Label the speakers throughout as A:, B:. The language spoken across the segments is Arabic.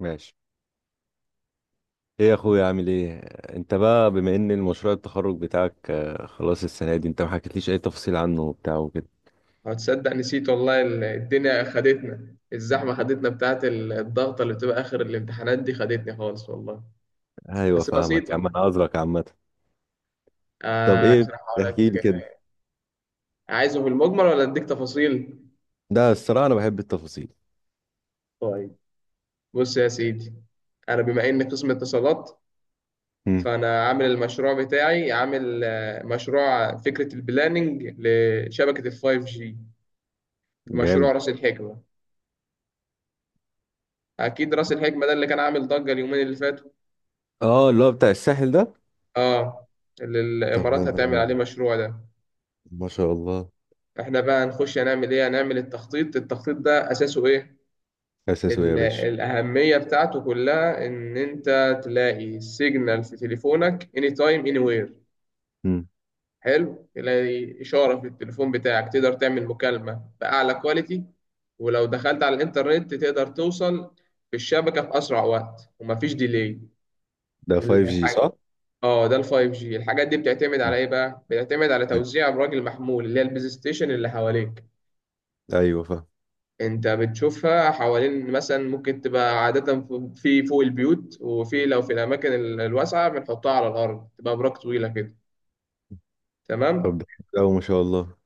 A: ماشي. ايه يا اخويا، عامل ايه؟ انت بقى بما ان المشروع التخرج بتاعك، خلاص السنه دي انت ما حكيتليش اي تفصيل عنه وبتاع وكده.
B: هتصدق نسيت والله، الدنيا خدتنا، الزحمة خدتنا بتاعت الضغطة اللي بتبقى آخر الامتحانات دي، خدتني خالص والله.
A: ايوه
B: بس
A: فاهمك يا عم،
B: بسيطة.
A: انا عذرك عامه. طب ايه،
B: أشرح
A: احكي
B: لك.
A: لي كده.
B: عايزه في المجمل ولا أديك تفاصيل؟
A: ده الصراحه انا بحب التفاصيل.
B: طيب، بص يا سيدي. أنا بما إني قسم اتصالات،
A: امم.
B: فأنا عامل المشروع بتاعي، عامل مشروع فكرة البلاننج لشبكة الفايف جي في مشروع
A: جامد.
B: رأس الحكمة. أكيد رأس الحكمة ده اللي كان عامل ضجة اليومين اللي فاتوا،
A: اه اللي هو بتاع الساحل ده.
B: آه، اللي
A: طب ده,
B: الإمارات هتعمل عليه
A: ده
B: مشروع ده.
A: ما شاء الله.
B: احنا بقى نخش هنعمل ايه؟ هنعمل التخطيط. التخطيط ده اساسه ايه؟
A: اساسه ايه يا باشا؟
B: الاهميه بتاعته كلها ان انت تلاقي سيجنال في تليفونك، اني تايم اني وير.
A: امم.
B: حلو، تلاقي اشاره في التليفون بتاعك، تقدر تعمل مكالمه باعلى كواليتي، ولو دخلت على الانترنت تقدر توصل في الشبكه في اسرع وقت ومفيش ديلي
A: ده 5G
B: الحاجه.
A: صح؟
B: اه، ده ال 5G. الحاجات دي بتعتمد
A: مم.
B: على ايه بقى؟ بتعتمد على توزيع براجل محمول اللي هي البيز ستيشن اللي حواليك.
A: ايوه فاهم.
B: انت بتشوفها حوالين، مثلا ممكن تبقى عادة في فوق البيوت، وفي لو في الأماكن الواسعة بنحطها على الأرض تبقى براك طويلة كده.
A: طب
B: تمام.
A: ده حلو أوي ما شاء الله.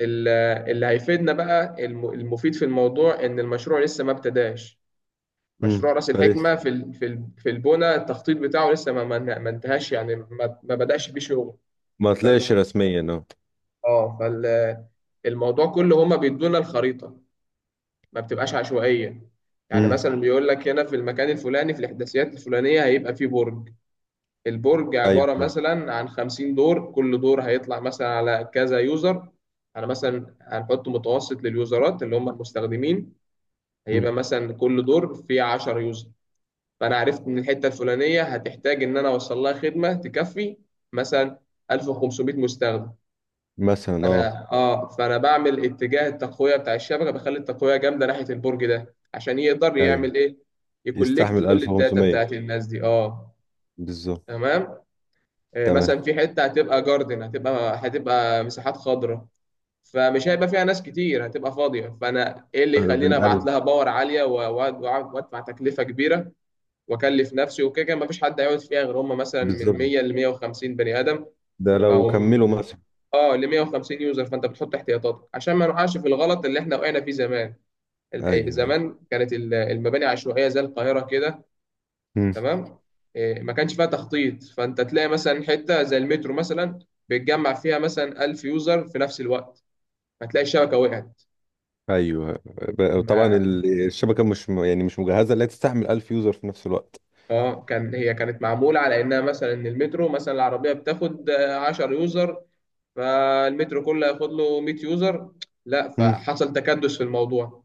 B: ال- اللي هيفيدنا بقى، المفيد في الموضوع إن المشروع لسه ما ابتداش. مشروع رأس
A: فلسه
B: الحكمة في في البنى، التخطيط بتاعه لسه ما انتهاش، يعني ما بدأش بيه شغل.
A: ما طلعش
B: فالموضوع
A: رسميا اه.
B: اه فال- الموضوع كله هما بيدونا الخريطة، ما بتبقاش عشوائية. يعني
A: امم.
B: مثلا بيقول لك هنا في المكان الفلاني في الإحداثيات الفلانية هيبقى فيه برج. البرج
A: ايوه
B: عبارة
A: فاهم.
B: مثلا عن 50 دور، كل دور هيطلع مثلا على كذا يوزر. أنا مثلا هنحط متوسط لليوزرات، اللي هم المستخدمين،
A: مم.
B: هيبقى مثلا كل دور فيه 10 يوزر. فأنا عرفت إن الحتة الفلانية هتحتاج إن أنا أوصل لها خدمة تكفي مثلا 1500 مستخدم.
A: مثلا اه.
B: انا اه فانا بعمل اتجاه التقويه بتاع الشبكه، بخلي التقويه جامده ناحيه البرج ده عشان يقدر يعمل
A: ايوه.
B: ايه، يكولكت
A: يستحمل
B: كل الداتا
A: 1500.
B: بتاعت الناس دي. اه،
A: بالظبط.
B: تمام.
A: تمام.
B: مثلا في حته هتبقى جاردن، هتبقى مساحات خضراء، فمش هيبقى فيها ناس كتير، هتبقى فاضيه. فانا ايه اللي يخليني ابعت
A: بنقل.
B: لها باور عاليه وادفع تكلفه كبيره واكلف نفسي؟ وكده كده مفيش حد هيقعد فيها غير هم مثلا من
A: بالظبط.
B: 100 ل 150 بني ادم.
A: ده لو
B: فهو
A: كملوا مثلا.
B: اه ل 150 يوزر، فانت بتحط احتياطاتك عشان ما نقعش في الغلط اللي احنا وقعنا فيه زمان.
A: ايوه ايوه.
B: زمان كانت المباني عشوائيه زي القاهره كده،
A: مم.
B: تمام. إيه، ما كانش فيها تخطيط، فانت تلاقي مثلا حته زي المترو مثلا بيتجمع فيها مثلا 1000 يوزر في نفس الوقت، هتلاقي الشبكه وقعت.
A: ايوه، طبعا
B: ما
A: الشبكه مش يعني مش مجهزه لا تستحمل 1000 يوزر في نفس الوقت.
B: اه كان هي كانت معموله على انها مثلا ان المترو مثلا العربيه بتاخد 10 يوزر، فالمترو كله ياخد له 100 يوزر. لا،
A: مم.
B: فحصل تكدس في الموضوع.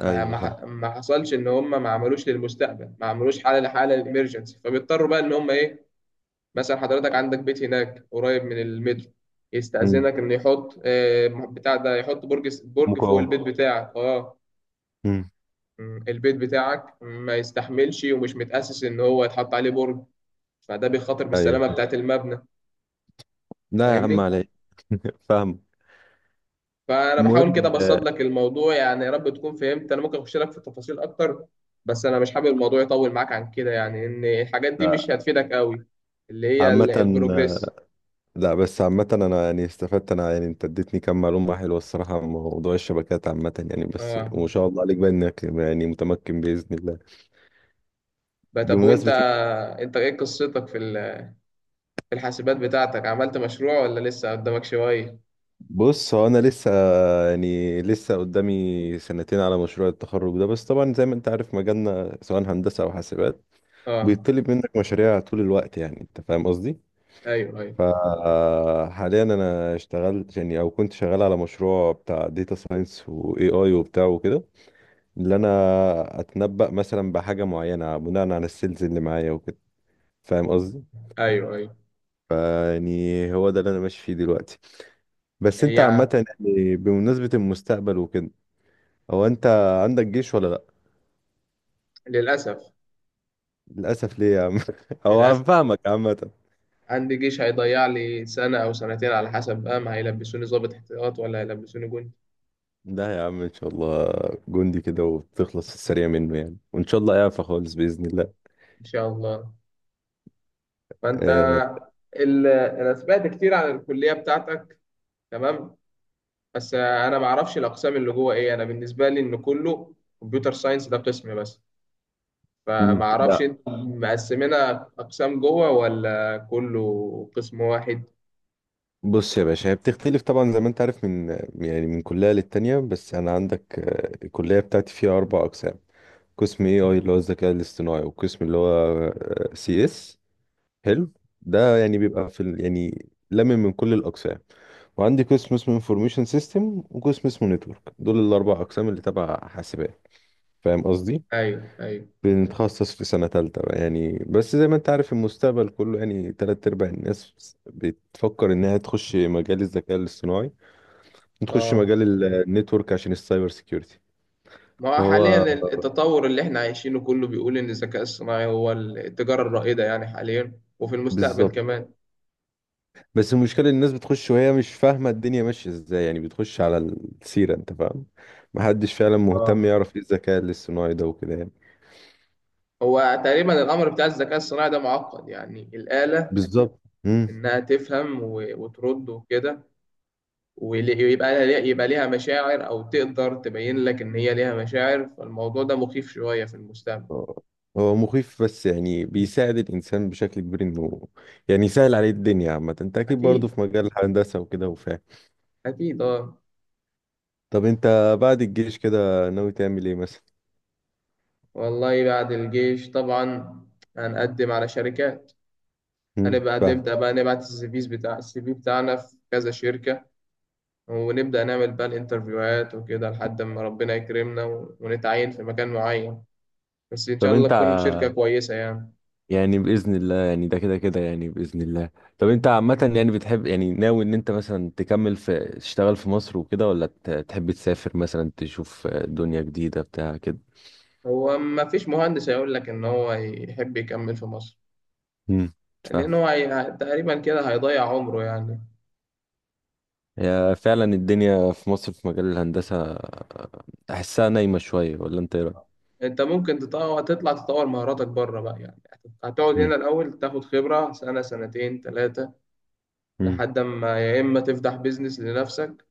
B: ما
A: ايوه فاهم.
B: ما ما حصلش ان هم ما عملوش للمستقبل، ما عملوش حاله لحاله للامرجنسي. فبيضطروا بقى ان هم ايه، مثلا حضرتك عندك بيت هناك قريب من المترو،
A: مم.
B: يستأذنك ان يحط بتاع ده، يحط برج فوق
A: مقاومه.
B: البيت بتاعك. اه.
A: مم.
B: البيت بتاعك ما يستحملش ومش متأسس ان هو يتحط عليه برج، فده بيخاطر
A: ايوه
B: بالسلامه
A: فاهم.
B: بتاعت المبنى.
A: لا يا عم
B: فاهمني؟
A: علي. فاهم.
B: فانا بحاول
A: المهم
B: كده ابسط
A: آه،
B: لك الموضوع يعني، يا رب تكون فهمت. انا ممكن اخش لك في التفاصيل اكتر، بس انا مش حابب الموضوع يطول معاك عن كده، يعني ان الحاجات دي مش
A: لا
B: هتفيدك قوي، اللي هي
A: عامة. آه،
B: البروجريس.
A: لا بس عامة أنا يعني استفدت، أنا يعني أنت اديتني كم معلومة حلوة الصراحة عن موضوع الشبكات عامة يعني، بس
B: اه.
A: وما شاء الله عليك بقى إنك يعني متمكن بإذن الله.
B: بقى طب، وانت،
A: بمناسبة.
B: انت ايه قصتك في الحاسبات بتاعتك؟ عملت مشروع ولا لسه قدامك شوية؟
A: بص، هو أنا لسه، يعني لسه قدامي 2 سنتين على مشروع التخرج ده، بس طبعا زي ما أنت عارف مجالنا سواء هندسة أو حاسبات
B: اه.
A: بيطلب منك مشاريع طول الوقت. يعني أنت فاهم قصدي؟
B: ايوه، ايوه،
A: فحاليا أنا اشتغلت، يعني أو كنت شغال على مشروع بتاع داتا ساينس وإي آي وبتاع وكده. اللي أنا أتنبأ مثلا بحاجة معينة بناء على السيلز اللي معايا وكده. فاهم.
B: ايوه، ايوه.
A: فيعني هو ده اللي انا ماشي فيه دلوقتي. بس انت
B: هي،
A: عامة يعني بمناسبة المستقبل وكده، هو انت عندك جيش ولا لا؟
B: للاسف.
A: للأسف. ليه يا عم؟ هو انا
B: للاسف،
A: فاهمك عامة.
B: عندي جيش هيضيع لي سنة او سنتين، على حسب بقى ما هيلبسوني ضابط احتياط ولا هيلبسوني جندي.
A: لا يا عم ان شاء الله. جندي كده وتخلص السريع منه يعني، وان شاء الله اعفى خالص بإذن الله.
B: ان شاء الله. فانت،
A: آه،
B: انا سمعت كتير عن الكليه بتاعتك، تمام، بس انا ما اعرفش الاقسام اللي جوه ايه. انا بالنسبه لي ان كله كمبيوتر ساينس، ده قسم بس. فما
A: مم.
B: اعرفش
A: لا.
B: انت مقسمينها اقسام جوه ولا كله قسم واحد.
A: بص يا باشا، هي بتختلف طبعا زي ما انت عارف من كلية للتانية. بس انا عندك، الكلية بتاعتي فيها 4 اقسام. قسم اي اي اللي هو الذكاء الاصطناعي، وقسم اللي هو سي اس. حلو. ده يعني بيبقى يعني لمن من كل الاقسام. وعندي قسم اسمه انفورميشن سيستم، وقسم اسمه نتورك. دول ال4 اقسام اللي تبع حاسبات. فاهم قصدي؟
B: ايوه، ايوه.
A: بنتخصص في سنة تالتة بقى يعني. بس زي ما انت عارف المستقبل كله يعني تلات ارباع الناس بتفكر انها تخش مجال الذكاء الاصطناعي، تخش
B: اه،
A: مجال النتورك عشان السايبر سيكيورتي.
B: ما هو حاليا
A: فهو،
B: التطور اللي احنا عايشينه كله بيقول ان الذكاء الصناعي هو التجاره الرائده يعني، حاليا وفي المستقبل
A: بالظبط.
B: كمان.
A: بس المشكلة إن الناس بتخش وهي مش فاهمة الدنيا ماشية ازاي يعني، بتخش على السيرة انت فاهم. محدش فعلا مهتم
B: اه
A: يعرف ايه الذكاء الاصطناعي ده وكده يعني.
B: هو تقريبا الامر بتاع الذكاء الصناعي ده معقد يعني، الاله
A: بالظبط. مم.
B: انها تفهم وترد وكده، ول- ويبقى لها يبقى ليها مشاعر، او تقدر تبين لك ان هي ليها مشاعر، فالموضوع ده مخيف شوية في المستقبل.
A: هو هو مخيف، بس يعني بيساعد الإنسان بشكل كبير إنه يعني يسهل عليه الدنيا عامة. انت أكيد برضه
B: اكيد،
A: في مجال الهندسة وكده وفاهم.
B: اكيد. اه،
A: طب انت بعد الجيش كده ناوي تعمل ايه مثلا؟
B: والله بعد الجيش طبعا هنقدم على شركات.
A: مم.
B: هنبقى
A: فاهم.
B: نبدأ بقى نبعت السيفيز بتاع السي في بتاعنا في كذا شركة، ونبدأ نعمل بقى الانترفيوهات وكده، لحد ما ربنا يكرمنا ونتعين في مكان معين. بس إن
A: طب
B: شاء الله
A: انت،
B: تكون شركة كويسة يعني.
A: يعني بإذن الله، يعني ده كده كده يعني بإذن الله. طب انت عامة يعني بتحب، يعني ناوي ان انت مثلا تكمل في تشتغل في مصر وكده، ولا تحب تسافر مثلا تشوف دنيا جديدة بتاع كده؟
B: هو ما فيش مهندس هيقول لك ان هو يحب يكمل في مصر،
A: امم. فاهم.
B: لان تقريبا كده هيضيع عمره يعني.
A: هي فعلا الدنيا في مصر في مجال الهندسة احسها نايمة شوية، ولا انت ايه رأيك؟
B: انت ممكن تطلع تطور مهاراتك بره بقى يعني. هتقعد
A: مم.
B: هنا الاول تاخد خبرة سنة، سنتين، ثلاثة،
A: مم.
B: لحد ما يا اما تفتح بيزنس لنفسك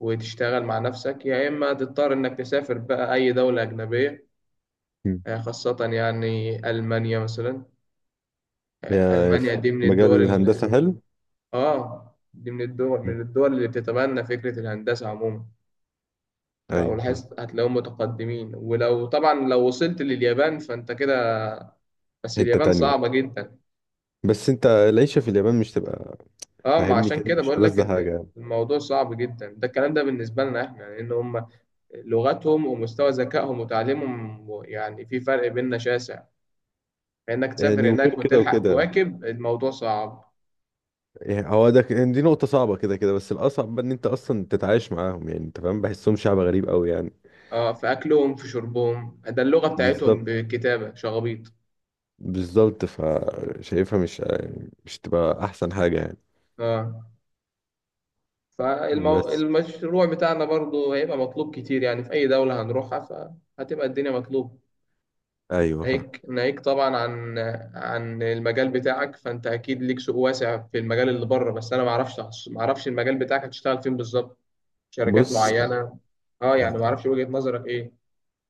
B: وتشتغل مع نفسك، يا اما تضطر انك تسافر بقى اي دولة اجنبية.
A: مم.
B: خاصة يعني المانيا مثلا.
A: يعني
B: المانيا
A: في
B: دي من
A: مجال
B: الدول
A: الهندسة حلو.
B: اه، دي من الدول،
A: مم.
B: اللي بتتبنى فكرة الهندسة عموما، او
A: ايوه فاهم.
B: لاحظت هتلاقيهم متقدمين. ولو طبعا لو وصلت لليابان فانت كده، بس
A: حتة
B: اليابان
A: تانية.
B: صعبة جدا.
A: بس انت العيشة في اليابان مش تبقى
B: اه ما
A: فاهمني،
B: عشان
A: كده
B: كده
A: مش
B: بقول لك،
A: ألذ حاجة
B: الموضوع صعب جدا ده، الكلام ده بالنسبة لنا احنا، لان يعني هم لغتهم ومستوى ذكائهم وتعليمهم، يعني في فرق بيننا شاسع، فانك
A: يعني.
B: تسافر
A: وغير
B: هناك
A: كده
B: وتلحق
A: وكده،
B: تواكب الموضوع صعب.
A: يعني هو ده دي نقطة صعبة كده كده، بس الأصعب بقى إن أنت أصلا تتعايش معاهم يعني. أنت فاهم، بحسهم شعب غريب أوي يعني.
B: اه في اكلهم، في شربهم ده، اللغة بتاعتهم
A: بالظبط.
B: بكتابة شغبيط
A: بالظبط فشايفها مش تبقى أحسن حاجة يعني.
B: اه.
A: بس
B: فالمشروع بتاعنا برضو هيبقى مطلوب كتير يعني في اي دولة هنروحها، فهتبقى الدنيا مطلوبة.
A: أيوه فاهم.
B: ناهيك طبعا عن، عن المجال بتاعك، فانت اكيد ليك سوق واسع في المجال اللي بره، بس انا ما اعرفش، ما اعرفش المجال بتاعك هتشتغل فين بالظبط، شركات
A: بص،
B: معينه. اه يعني ما اعرفش وجهه نظرك ايه.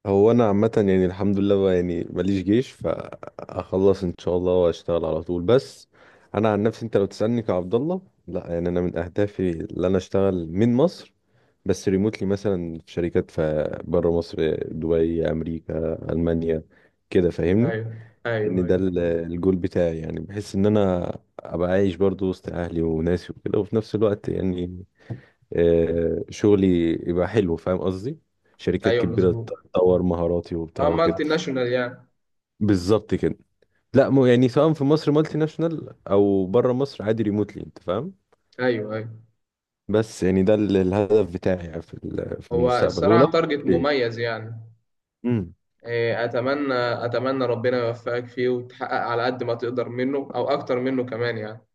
A: هو أنا عامة يعني الحمد لله بقى يعني ماليش جيش فأخلص إن شاء الله وأشتغل على طول. بس أنا عن نفسي، أنت لو تسألني كعبد الله، لا يعني أنا من أهدافي اللي أنا أشتغل من مصر، بس ريموتلي مثلا في شركات في بره مصر، دبي، امريكا، المانيا، كده فاهمني.
B: ايوه، ايوه،
A: ان ده
B: ايوه،
A: الجول بتاعي يعني. بحس ان انا ابقى عايش برضو وسط اهلي وناسي وكده، وفي نفس الوقت يعني شغلي يبقى حلو. فاهم قصدي؟ شركات
B: ايوه،
A: كبيرة
B: مظبوط.
A: تطور مهاراتي
B: اه،
A: وبتاع وكده.
B: مالتي ناشونال يعني.
A: بالظبط كده. لا، مو يعني سواء في مصر مالتي ناشونال او بره مصر عادي ريموتلي، انت فاهم.
B: ايوه، ايوه.
A: بس يعني ده الهدف بتاعي يعني في في
B: هو
A: المستقبل. ولو.
B: الصراحه تارجت
A: ليه.
B: مميز يعني. إيه، اتمنى، اتمنى ربنا يوفقك فيه وتحقق على قد ما تقدر منه او اكتر منه كمان يعني.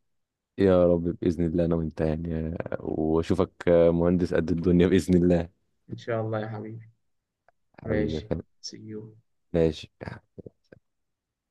A: يا رب بإذن الله أنا وأنت يعني، وأشوفك مهندس قد الدنيا بإذن الله.
B: ان شاء الله يا حبيبي.
A: حبيبي يا
B: ماشي.
A: فندم.
B: see you.
A: ماشي.